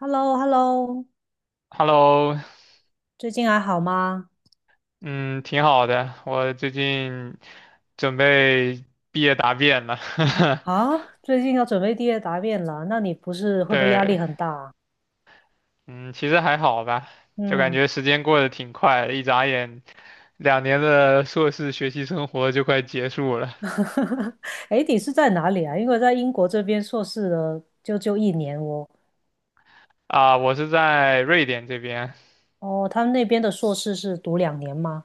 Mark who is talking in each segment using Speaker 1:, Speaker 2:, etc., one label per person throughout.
Speaker 1: h e l l o
Speaker 2: Hello，
Speaker 1: 最近还好吗？
Speaker 2: 嗯，挺好的。我最近准备毕业答辩了。
Speaker 1: 啊，最近要准备毕业答辩了，那你不是会不会压
Speaker 2: 对，
Speaker 1: 力很大啊？
Speaker 2: 嗯，其实还好吧，就感
Speaker 1: 嗯，
Speaker 2: 觉时间过得挺快的，一眨眼，两年的硕士学习生活就快结束了。
Speaker 1: 哎你是在哪里啊？因为在英国这边硕士的就一年哦。
Speaker 2: 啊，我是在瑞典这边。
Speaker 1: 哦，他们那边的硕士是读2年吗？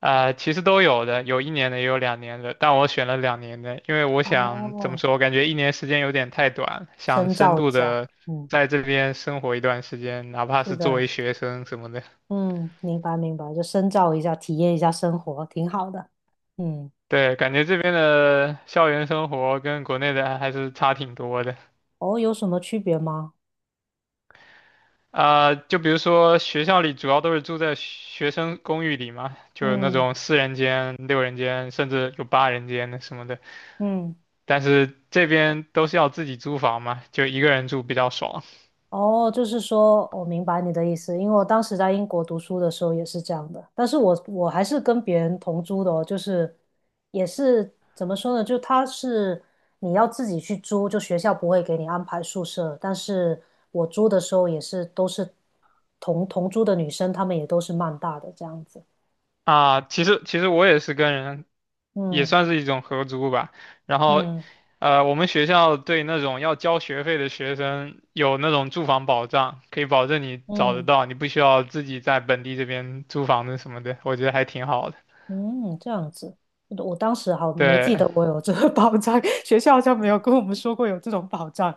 Speaker 2: 啊，其实都有的，有一年的，也有两年的，但我选了两年的。因为我想怎么
Speaker 1: 哦，
Speaker 2: 说，我感觉一年时间有点太短，想
Speaker 1: 深
Speaker 2: 深
Speaker 1: 造一
Speaker 2: 度
Speaker 1: 下，
Speaker 2: 的
Speaker 1: 嗯，
Speaker 2: 在这边生活一段时间，哪怕
Speaker 1: 是
Speaker 2: 是作
Speaker 1: 的，
Speaker 2: 为学生什么的。
Speaker 1: 嗯，明白明白，就深造一下，体验一下生活，挺好的。嗯，
Speaker 2: 对，感觉这边的校园生活跟国内的还是差挺多的。
Speaker 1: 哦，有什么区别吗？
Speaker 2: 啊，就比如说学校里主要都是住在学生公寓里嘛，就是那
Speaker 1: 嗯
Speaker 2: 种四人间、六人间，甚至有八人间的什么的。
Speaker 1: 嗯。
Speaker 2: 但是这边都是要自己租房嘛，就一个人住比较爽。
Speaker 1: 哦，就是说，我明白你的意思，因为我当时在英国读书的时候也是这样的，但是我还是跟别人同租的哦，就是也是怎么说呢，就他是你要自己去租，就学校不会给你安排宿舍，但是我租的时候也是都是同租的女生，她们也都是曼大的这样子，
Speaker 2: 啊，其实我也是跟人，也
Speaker 1: 嗯
Speaker 2: 算是一种合租吧。然后，
Speaker 1: 嗯
Speaker 2: 我们学校对那种要交学费的学生有那种住房保障，可以保证你找得
Speaker 1: 嗯
Speaker 2: 到，你不需要自己在本地这边租房子什么的，我觉得还挺好的。
Speaker 1: 嗯，这样子，我当时好没记
Speaker 2: 对
Speaker 1: 得我有这个 保障，学校好像没有跟我们说过有这种保障。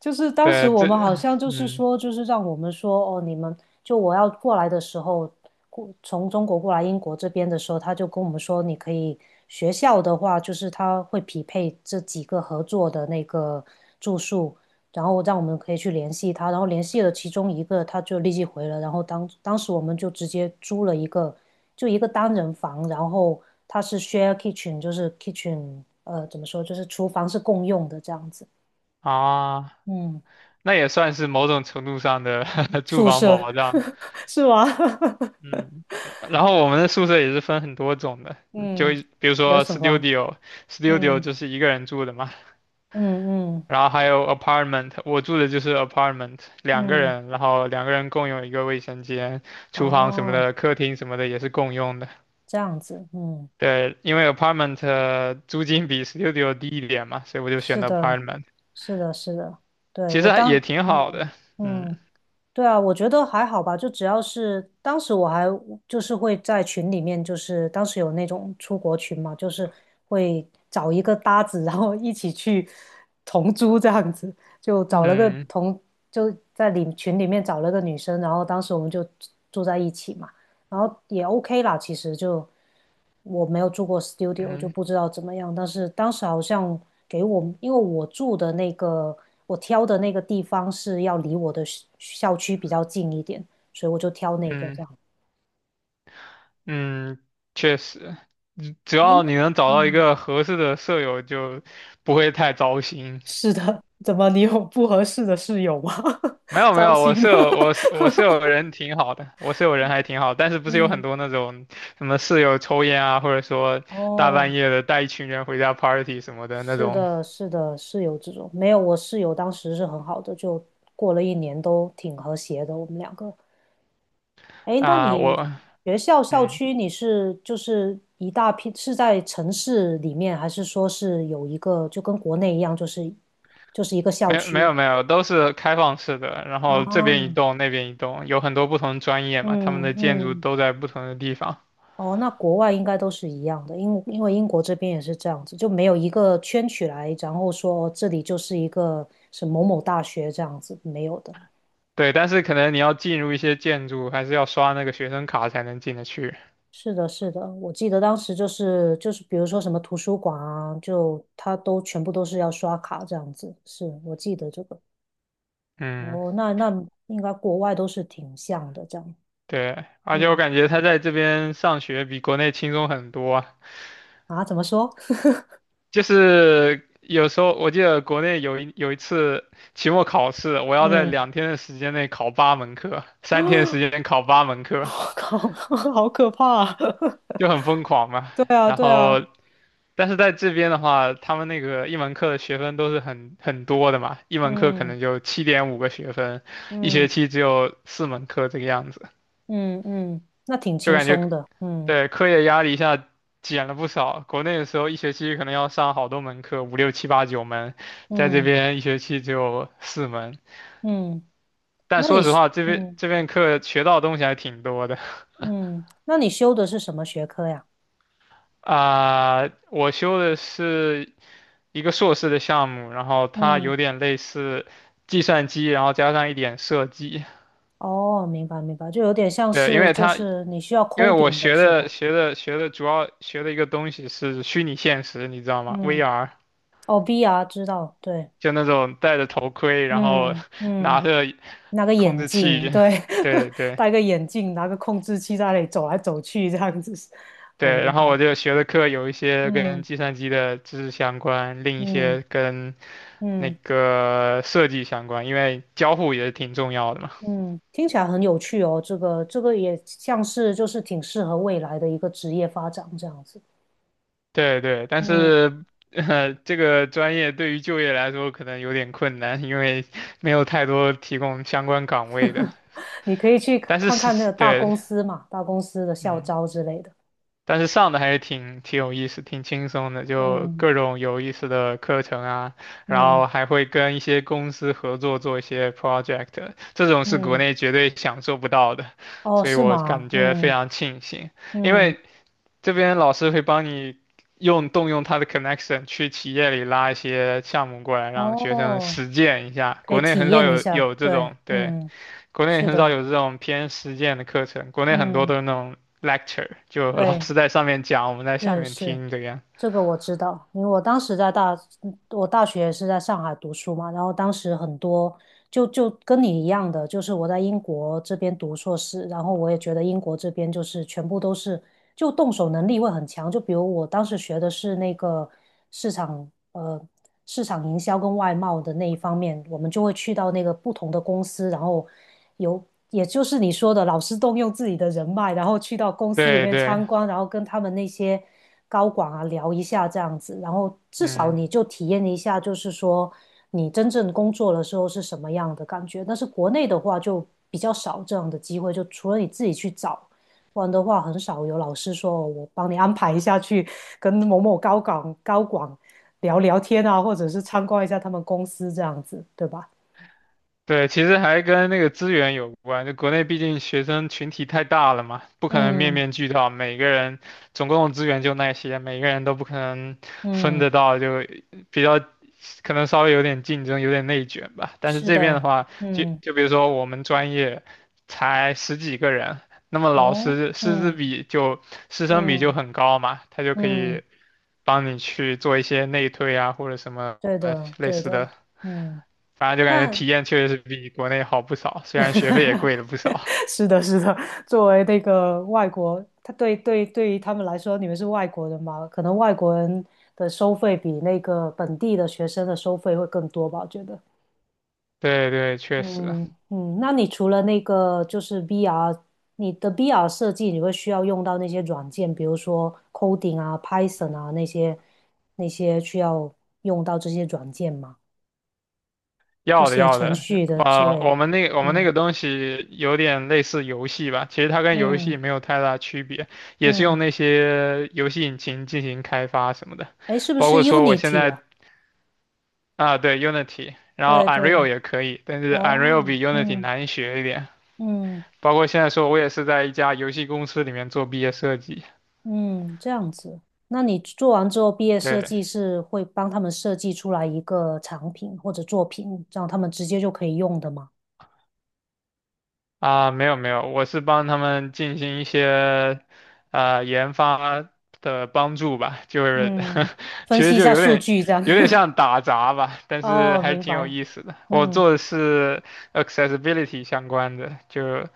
Speaker 1: 就是当时
Speaker 2: 对，
Speaker 1: 我
Speaker 2: 这
Speaker 1: 们好像就是
Speaker 2: 嗯
Speaker 1: 说，就是让我们说哦，你们就我要过来的时候，过从中国过来英国这边的时候，他就跟我们说，你可以学校的话，就是他会匹配这几个合作的那个住宿，然后让我们可以去联系他，然后联系了其中一个，他就立即回了，然后当时我们就直接租了一个就一个单人房，然后它是 share kitchen，就是 kitchen，怎么说，就是厨房是共用的这样子，
Speaker 2: 啊，
Speaker 1: 嗯。
Speaker 2: 那也算是某种程度上的 住
Speaker 1: 宿
Speaker 2: 房
Speaker 1: 舍
Speaker 2: 保障。
Speaker 1: 是吗？
Speaker 2: 嗯，然后我们的宿舍也是分很多种的，就
Speaker 1: 嗯，
Speaker 2: 比如
Speaker 1: 有
Speaker 2: 说
Speaker 1: 什么？
Speaker 2: studio，studio
Speaker 1: 嗯
Speaker 2: 就是一个人住的嘛。
Speaker 1: 嗯嗯
Speaker 2: 然后还有 apartment，我住的就是 apartment，两个
Speaker 1: 嗯，
Speaker 2: 人，然后两个人共用一个卫生间，厨房什么
Speaker 1: 哦，
Speaker 2: 的，客厅什么的也是共用的。
Speaker 1: 这样子，嗯，
Speaker 2: 对，因为 apartment 租金比 studio 低一点嘛，所以我就选
Speaker 1: 是
Speaker 2: 的
Speaker 1: 的，
Speaker 2: apartment，
Speaker 1: 是的，是的，对，
Speaker 2: 其
Speaker 1: 我
Speaker 2: 实还
Speaker 1: 当，
Speaker 2: 也挺好
Speaker 1: 嗯
Speaker 2: 的。嗯，
Speaker 1: 嗯。对啊，我觉得还好吧，就只要是当时我还就是会在群里面，就是当时有那种出国群嘛，就是会找一个搭子，然后一起去同租这样子，就找了个
Speaker 2: 嗯，
Speaker 1: 同，就在里群里面找了个女生，然后当时我们就住在一起嘛。然后也 OK 啦，其实就我没有住过 studio，就
Speaker 2: 嗯，
Speaker 1: 不知道怎么样。但是当时好像给我，因为我住的那个，我挑的那个地方是要离我的校区比较近一点，所以我就挑那个这
Speaker 2: 嗯，
Speaker 1: 样。
Speaker 2: 嗯，确实，只只
Speaker 1: 哎，
Speaker 2: 要
Speaker 1: 那
Speaker 2: 你能找到一
Speaker 1: 嗯，
Speaker 2: 个合适的舍友，就不会太糟心。
Speaker 1: 是的，怎么你有不合适的室友吗？
Speaker 2: 没 有没
Speaker 1: 糟
Speaker 2: 有，我
Speaker 1: 心的。
Speaker 2: 舍友我舍我舍友 人挺好的，我舍友人还挺好，但是不是有很
Speaker 1: 嗯，
Speaker 2: 多那种什么室友抽烟啊，或者说大
Speaker 1: 哦，
Speaker 2: 半夜的带一群人回家 party 什么的那
Speaker 1: 是
Speaker 2: 种
Speaker 1: 的，是的，室友这种没有，我室友当时是很好的，就过了一年都挺和谐的，我们两个。哎，那
Speaker 2: 啊。
Speaker 1: 你学校校
Speaker 2: 嗯
Speaker 1: 区你是就是一大批是在城市里面，还是说是有一个就跟国内一样，就是就是一个校
Speaker 2: 没有没有
Speaker 1: 区？
Speaker 2: 没有，都是开放式的，然后这边一
Speaker 1: 啊，
Speaker 2: 栋那边一栋，有很多不同专业嘛，他们
Speaker 1: 嗯
Speaker 2: 的建筑
Speaker 1: 嗯，
Speaker 2: 都在不同的地方。
Speaker 1: 哦，那国外应该都是一样的，因为英国这边也是这样子，就没有一个圈起来，然后说哦这里就是一个是某某大学这样子，没有的。
Speaker 2: 对，但是可能你要进入一些建筑，还是要刷那个学生卡才能进得去。
Speaker 1: 是的，是的，我记得当时就是，比如说什么图书馆啊，就他都全部都是要刷卡这样子。是我记得这个。
Speaker 2: 嗯。
Speaker 1: 哦，那那应该国外都是挺像的这样。
Speaker 2: 对，而且我
Speaker 1: 嗯，
Speaker 2: 感觉他在这边上学比国内轻松很多啊。
Speaker 1: 啊，怎么说？
Speaker 2: 就是有时候我记得国内有一次期末考试，我要在
Speaker 1: 嗯，
Speaker 2: 2天的时间内考八门课，3天时间考八门课，
Speaker 1: 我靠，好可怕啊
Speaker 2: 就 很疯狂嘛。
Speaker 1: 对啊，
Speaker 2: 然
Speaker 1: 对啊，
Speaker 2: 后，但是在这边的话，他们那个一门课的学分都是很多的嘛，一门课可
Speaker 1: 嗯
Speaker 2: 能就7.5个学分，一学
Speaker 1: 嗯
Speaker 2: 期只有四门课这个样子，
Speaker 1: 嗯嗯，那挺
Speaker 2: 就
Speaker 1: 轻
Speaker 2: 感觉
Speaker 1: 松的。嗯
Speaker 2: 对课业压力一下减了不少。国内的时候一学期可能要上好多门课，五六七八九门，在这
Speaker 1: 嗯
Speaker 2: 边一学期只有四门。
Speaker 1: 嗯，
Speaker 2: 但
Speaker 1: 那
Speaker 2: 说
Speaker 1: 你
Speaker 2: 实
Speaker 1: 是
Speaker 2: 话，这边
Speaker 1: 嗯
Speaker 2: 这边课学到的东西还挺多的。
Speaker 1: 嗯，那你修的是什么学科呀？
Speaker 2: 啊，我修的是一个硕士的项目，然后它
Speaker 1: 嗯。
Speaker 2: 有点类似计算机，然后加上一点设计。
Speaker 1: 哦，明白明白，就有点像
Speaker 2: 对，因
Speaker 1: 是
Speaker 2: 为
Speaker 1: 就
Speaker 2: 它
Speaker 1: 是你需要
Speaker 2: 因为我
Speaker 1: coding 的
Speaker 2: 学
Speaker 1: 是
Speaker 2: 的
Speaker 1: 吧？
Speaker 2: 学的学的主要学的一个东西是虚拟现实，你知道吗
Speaker 1: 嗯，
Speaker 2: ？VR，
Speaker 1: 哦，VR 知道，对，
Speaker 2: 就那种戴着头盔，然后
Speaker 1: 嗯
Speaker 2: 拿
Speaker 1: 嗯，
Speaker 2: 着
Speaker 1: 拿个
Speaker 2: 控
Speaker 1: 眼
Speaker 2: 制
Speaker 1: 镜，
Speaker 2: 器，
Speaker 1: 对，
Speaker 2: 对 对。
Speaker 1: 戴个眼镜，拿个控制器在那里走来走去这样子，我
Speaker 2: 对，
Speaker 1: 明
Speaker 2: 然
Speaker 1: 白，
Speaker 2: 后我就学的课有一些跟
Speaker 1: 嗯
Speaker 2: 计算机的知识相关，另一
Speaker 1: 嗯
Speaker 2: 些跟那
Speaker 1: 嗯
Speaker 2: 个设计相关，因为交互也是挺重要的嘛。
Speaker 1: 嗯，听起来很有趣哦，这个也像是就是挺适合未来的一个职业发展这样子，
Speaker 2: 对对，但
Speaker 1: 嗯，
Speaker 2: 是这个专业对于就业来说可能有点困难，因为 没有太多提供相关岗位的。
Speaker 1: 你可以去
Speaker 2: 但是
Speaker 1: 看看那
Speaker 2: 是，
Speaker 1: 个大
Speaker 2: 对，
Speaker 1: 公司嘛，大公司的校
Speaker 2: 嗯，
Speaker 1: 招之类的。
Speaker 2: 但是上的还是挺有意思，挺轻松的，就
Speaker 1: 嗯。
Speaker 2: 各种有意思的课程啊，然
Speaker 1: 嗯
Speaker 2: 后还会跟一些公司合作做一些 project，这种是国
Speaker 1: 嗯，
Speaker 2: 内绝对享受不到的，
Speaker 1: 哦，
Speaker 2: 所以
Speaker 1: 是
Speaker 2: 我感
Speaker 1: 吗？
Speaker 2: 觉非
Speaker 1: 嗯
Speaker 2: 常庆幸。因
Speaker 1: 嗯，
Speaker 2: 为这边老师会帮你用动用他的 connection 去企业里拉一些项目过来，让学生
Speaker 1: 哦，
Speaker 2: 实践一下。
Speaker 1: 可以
Speaker 2: 国内
Speaker 1: 体
Speaker 2: 很少
Speaker 1: 验一
Speaker 2: 有
Speaker 1: 下，
Speaker 2: 有这
Speaker 1: 对，
Speaker 2: 种，对，
Speaker 1: 嗯，
Speaker 2: 国内
Speaker 1: 是
Speaker 2: 很少
Speaker 1: 的，
Speaker 2: 有这种偏实践的课程，国内很多
Speaker 1: 嗯，
Speaker 2: 都是那种 lecture，就老
Speaker 1: 对，
Speaker 2: 师在上面讲，我们在下
Speaker 1: 是
Speaker 2: 面
Speaker 1: 是，
Speaker 2: 听这个样。
Speaker 1: 这个我知道，因为我当时在大，嗯我大学是在上海读书嘛，然后当时很多就跟你一样的，就是我在英国这边读硕士，然后我也觉得英国这边就是全部都是就动手能力会很强，就比如我当时学的是那个市场呃市场营销跟外贸的那一方面，我们就会去到那个不同的公司，然后有。也就是你说的，老师动用自己的人脉，然后去到公司里
Speaker 2: 对
Speaker 1: 面
Speaker 2: 对。
Speaker 1: 参观，然后跟他们那些高管啊聊一下这样子，然后至少
Speaker 2: 嗯。
Speaker 1: 你就体验一下，就是说你真正工作的时候是什么样的感觉。但是国内的话就比较少这样的机会，就除了你自己去找，不然的话很少有老师说我帮你安排一下去跟某某高管聊聊天啊，或者是参观一下他们公司这样子，对吧？
Speaker 2: 对，其实还跟那个资源有关。就国内毕竟学生群体太大了嘛，不可能面
Speaker 1: 嗯
Speaker 2: 面俱到，每个人总共的资源就那些，每个人都不可能分得
Speaker 1: 嗯，
Speaker 2: 到，就比较可能稍微有点竞争，有点内卷吧。但是
Speaker 1: 是
Speaker 2: 这边的
Speaker 1: 的，
Speaker 2: 话，就
Speaker 1: 嗯
Speaker 2: 就比如说我们专业才十几个人，那么老
Speaker 1: 哦，
Speaker 2: 师师资
Speaker 1: 嗯
Speaker 2: 比就师生比就
Speaker 1: 嗯
Speaker 2: 很高嘛，他就可以
Speaker 1: 嗯，
Speaker 2: 帮你去做一些内推啊，或者什么
Speaker 1: 对的
Speaker 2: 类
Speaker 1: 对
Speaker 2: 似
Speaker 1: 的，
Speaker 2: 的。
Speaker 1: 嗯。
Speaker 2: 反正就感觉
Speaker 1: 那
Speaker 2: 体验确实是比国内好不少，虽然学费也贵了不少。
Speaker 1: 是的，是的。作为那个外国，他对于他们来说，你们是外国人嘛？可能外国人的收费比那个本地的学生的收费会更多吧？我觉得。
Speaker 2: 对对，确实。
Speaker 1: 嗯嗯，那你除了那个就是 VR，你的 VR 设计，你会需要用到那些软件，比如说 coding 啊、Python 啊那些需要用到这些软件吗？就
Speaker 2: 要的
Speaker 1: 写
Speaker 2: 要
Speaker 1: 程
Speaker 2: 的，
Speaker 1: 序的之类
Speaker 2: 我
Speaker 1: 的。
Speaker 2: 们那我们那
Speaker 1: 嗯
Speaker 2: 个东西有点类似游戏吧，其实它跟游戏
Speaker 1: 嗯
Speaker 2: 没有太大区别，也是用
Speaker 1: 嗯。
Speaker 2: 那些游戏引擎进行开发什么的，
Speaker 1: 哎，是不
Speaker 2: 包
Speaker 1: 是
Speaker 2: 括说我现
Speaker 1: Unity
Speaker 2: 在
Speaker 1: 啊？
Speaker 2: 啊，对 Unity，然后
Speaker 1: 对
Speaker 2: Unreal
Speaker 1: 对，
Speaker 2: 也可以，但是 Unreal
Speaker 1: 哦，
Speaker 2: 比 Unity
Speaker 1: 嗯
Speaker 2: 难学一点，
Speaker 1: 嗯
Speaker 2: 包括现在说我也是在一家游戏公司里面做毕业设计。
Speaker 1: 嗯，这样子。那你做完之后，毕业设
Speaker 2: 对，
Speaker 1: 计是会帮他们设计出来一个产品或者作品，让他们直接就可以用的吗？
Speaker 2: 啊，没有没有，我是帮他们进行一些研发的帮助吧，就是
Speaker 1: 嗯，分
Speaker 2: 其实
Speaker 1: 析一
Speaker 2: 就
Speaker 1: 下
Speaker 2: 有
Speaker 1: 数
Speaker 2: 点
Speaker 1: 据这样。
Speaker 2: 有点 像打杂吧，但是
Speaker 1: 哦，
Speaker 2: 还是
Speaker 1: 明
Speaker 2: 挺有
Speaker 1: 白。
Speaker 2: 意思的。我
Speaker 1: 嗯
Speaker 2: 做的是 accessibility 相关的，就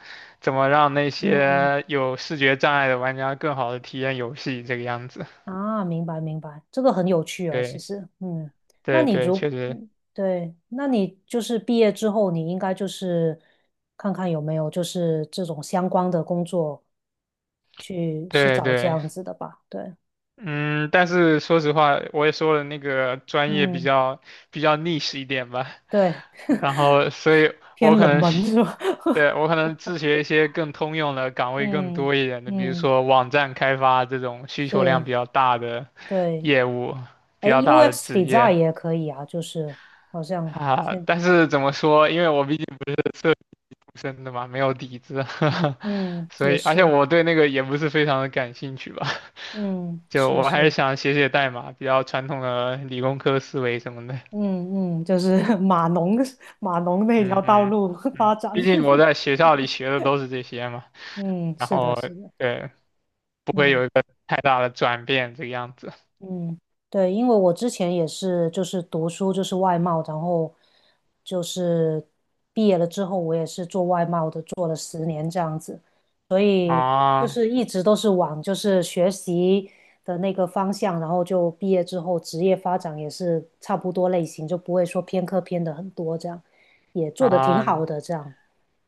Speaker 2: 怎么让那
Speaker 1: 嗯
Speaker 2: 些有视觉障碍的玩家更好的体验游戏这个样子。
Speaker 1: 啊，明白明白，这个很有趣啊，其
Speaker 2: 对
Speaker 1: 实，嗯，那
Speaker 2: 对
Speaker 1: 你
Speaker 2: 对，确
Speaker 1: 如，
Speaker 2: 实，
Speaker 1: 嗯对，那你就是毕业之后，你应该就是看看有没有就是这种相关的工作去是
Speaker 2: 对
Speaker 1: 找这
Speaker 2: 对。
Speaker 1: 样子的吧，对，
Speaker 2: 嗯，但是说实话，我也说了那个专业比
Speaker 1: 嗯，
Speaker 2: 较比较 niche 一点吧，
Speaker 1: 对，
Speaker 2: 然后所以我
Speaker 1: 偏
Speaker 2: 可
Speaker 1: 冷
Speaker 2: 能
Speaker 1: 门
Speaker 2: 是
Speaker 1: 是吧？
Speaker 2: 对，我可能自学一些更通用的岗位更
Speaker 1: 嗯
Speaker 2: 多一点的，比如
Speaker 1: 嗯，
Speaker 2: 说网站开发这种需求量
Speaker 1: 是，
Speaker 2: 比较大的
Speaker 1: 对，
Speaker 2: 业务，比
Speaker 1: 哎
Speaker 2: 较大的
Speaker 1: ，UX
Speaker 2: 职业
Speaker 1: design 也可以啊，就是好像
Speaker 2: 啊。
Speaker 1: 现，
Speaker 2: 但是怎么说，因为我毕竟不是社畜生的嘛，没有底子，
Speaker 1: 嗯，
Speaker 2: 所
Speaker 1: 也
Speaker 2: 以而且
Speaker 1: 是，
Speaker 2: 我对那个也不是非常的感兴趣吧。
Speaker 1: 嗯，
Speaker 2: 就
Speaker 1: 是
Speaker 2: 我还是
Speaker 1: 是。
Speaker 2: 想写写代码，比较传统的理工科思维什么的。
Speaker 1: 嗯嗯，就是 码农那
Speaker 2: 嗯，
Speaker 1: 条道
Speaker 2: 嗯，
Speaker 1: 路发
Speaker 2: 嗯，
Speaker 1: 展。
Speaker 2: 毕竟我在 学校里学的都是这些嘛，
Speaker 1: 嗯，
Speaker 2: 然
Speaker 1: 是的，
Speaker 2: 后
Speaker 1: 是的，
Speaker 2: 对，不会有
Speaker 1: 嗯
Speaker 2: 一个太大的转变这个样子。
Speaker 1: 嗯，对，因为我之前也是，就是读书就是外贸，然后就是毕业了之后，我也是做外贸的，做了10年这样子，所以就
Speaker 2: 啊，
Speaker 1: 是一直都是往就是学习的那个方向，然后就毕业之后职业发展也是差不多类型，就不会说偏科偏的很多这样，也做的挺
Speaker 2: 啊，
Speaker 1: 好的这样，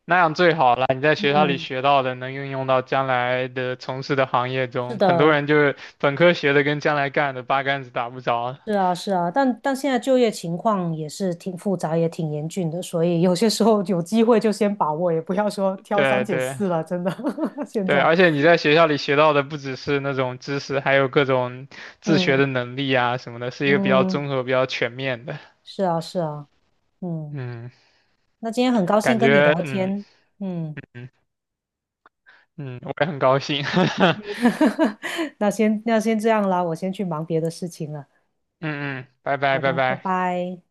Speaker 2: 那样最好了。你在学校里
Speaker 1: 嗯。
Speaker 2: 学到的能运用到将来的从事的行业
Speaker 1: 是
Speaker 2: 中，很多
Speaker 1: 的，
Speaker 2: 人就是本科学的跟将来干的八竿子打不着。
Speaker 1: 是啊，是啊，但现在就业情况也是挺复杂，也挺严峻的，所以有些时候有机会就先把握，也不要说挑三
Speaker 2: 对
Speaker 1: 拣
Speaker 2: 对。
Speaker 1: 四了，真的。现
Speaker 2: 对，
Speaker 1: 在，
Speaker 2: 而且你在学校里学到的不只是那种知识，还有各种自学
Speaker 1: 嗯
Speaker 2: 的能力啊什么的，是一个比较
Speaker 1: 嗯，
Speaker 2: 综合、比较全面的。
Speaker 1: 是啊，是啊，嗯，
Speaker 2: 嗯，
Speaker 1: 那今天很高兴
Speaker 2: 感
Speaker 1: 跟你
Speaker 2: 觉
Speaker 1: 聊
Speaker 2: 嗯
Speaker 1: 天，嗯，
Speaker 2: 嗯嗯，我也很高兴。
Speaker 1: 那先这样啦，我先去忙别的事情了。
Speaker 2: 嗯嗯，拜拜
Speaker 1: 好
Speaker 2: 拜
Speaker 1: 的，拜
Speaker 2: 拜。
Speaker 1: 拜。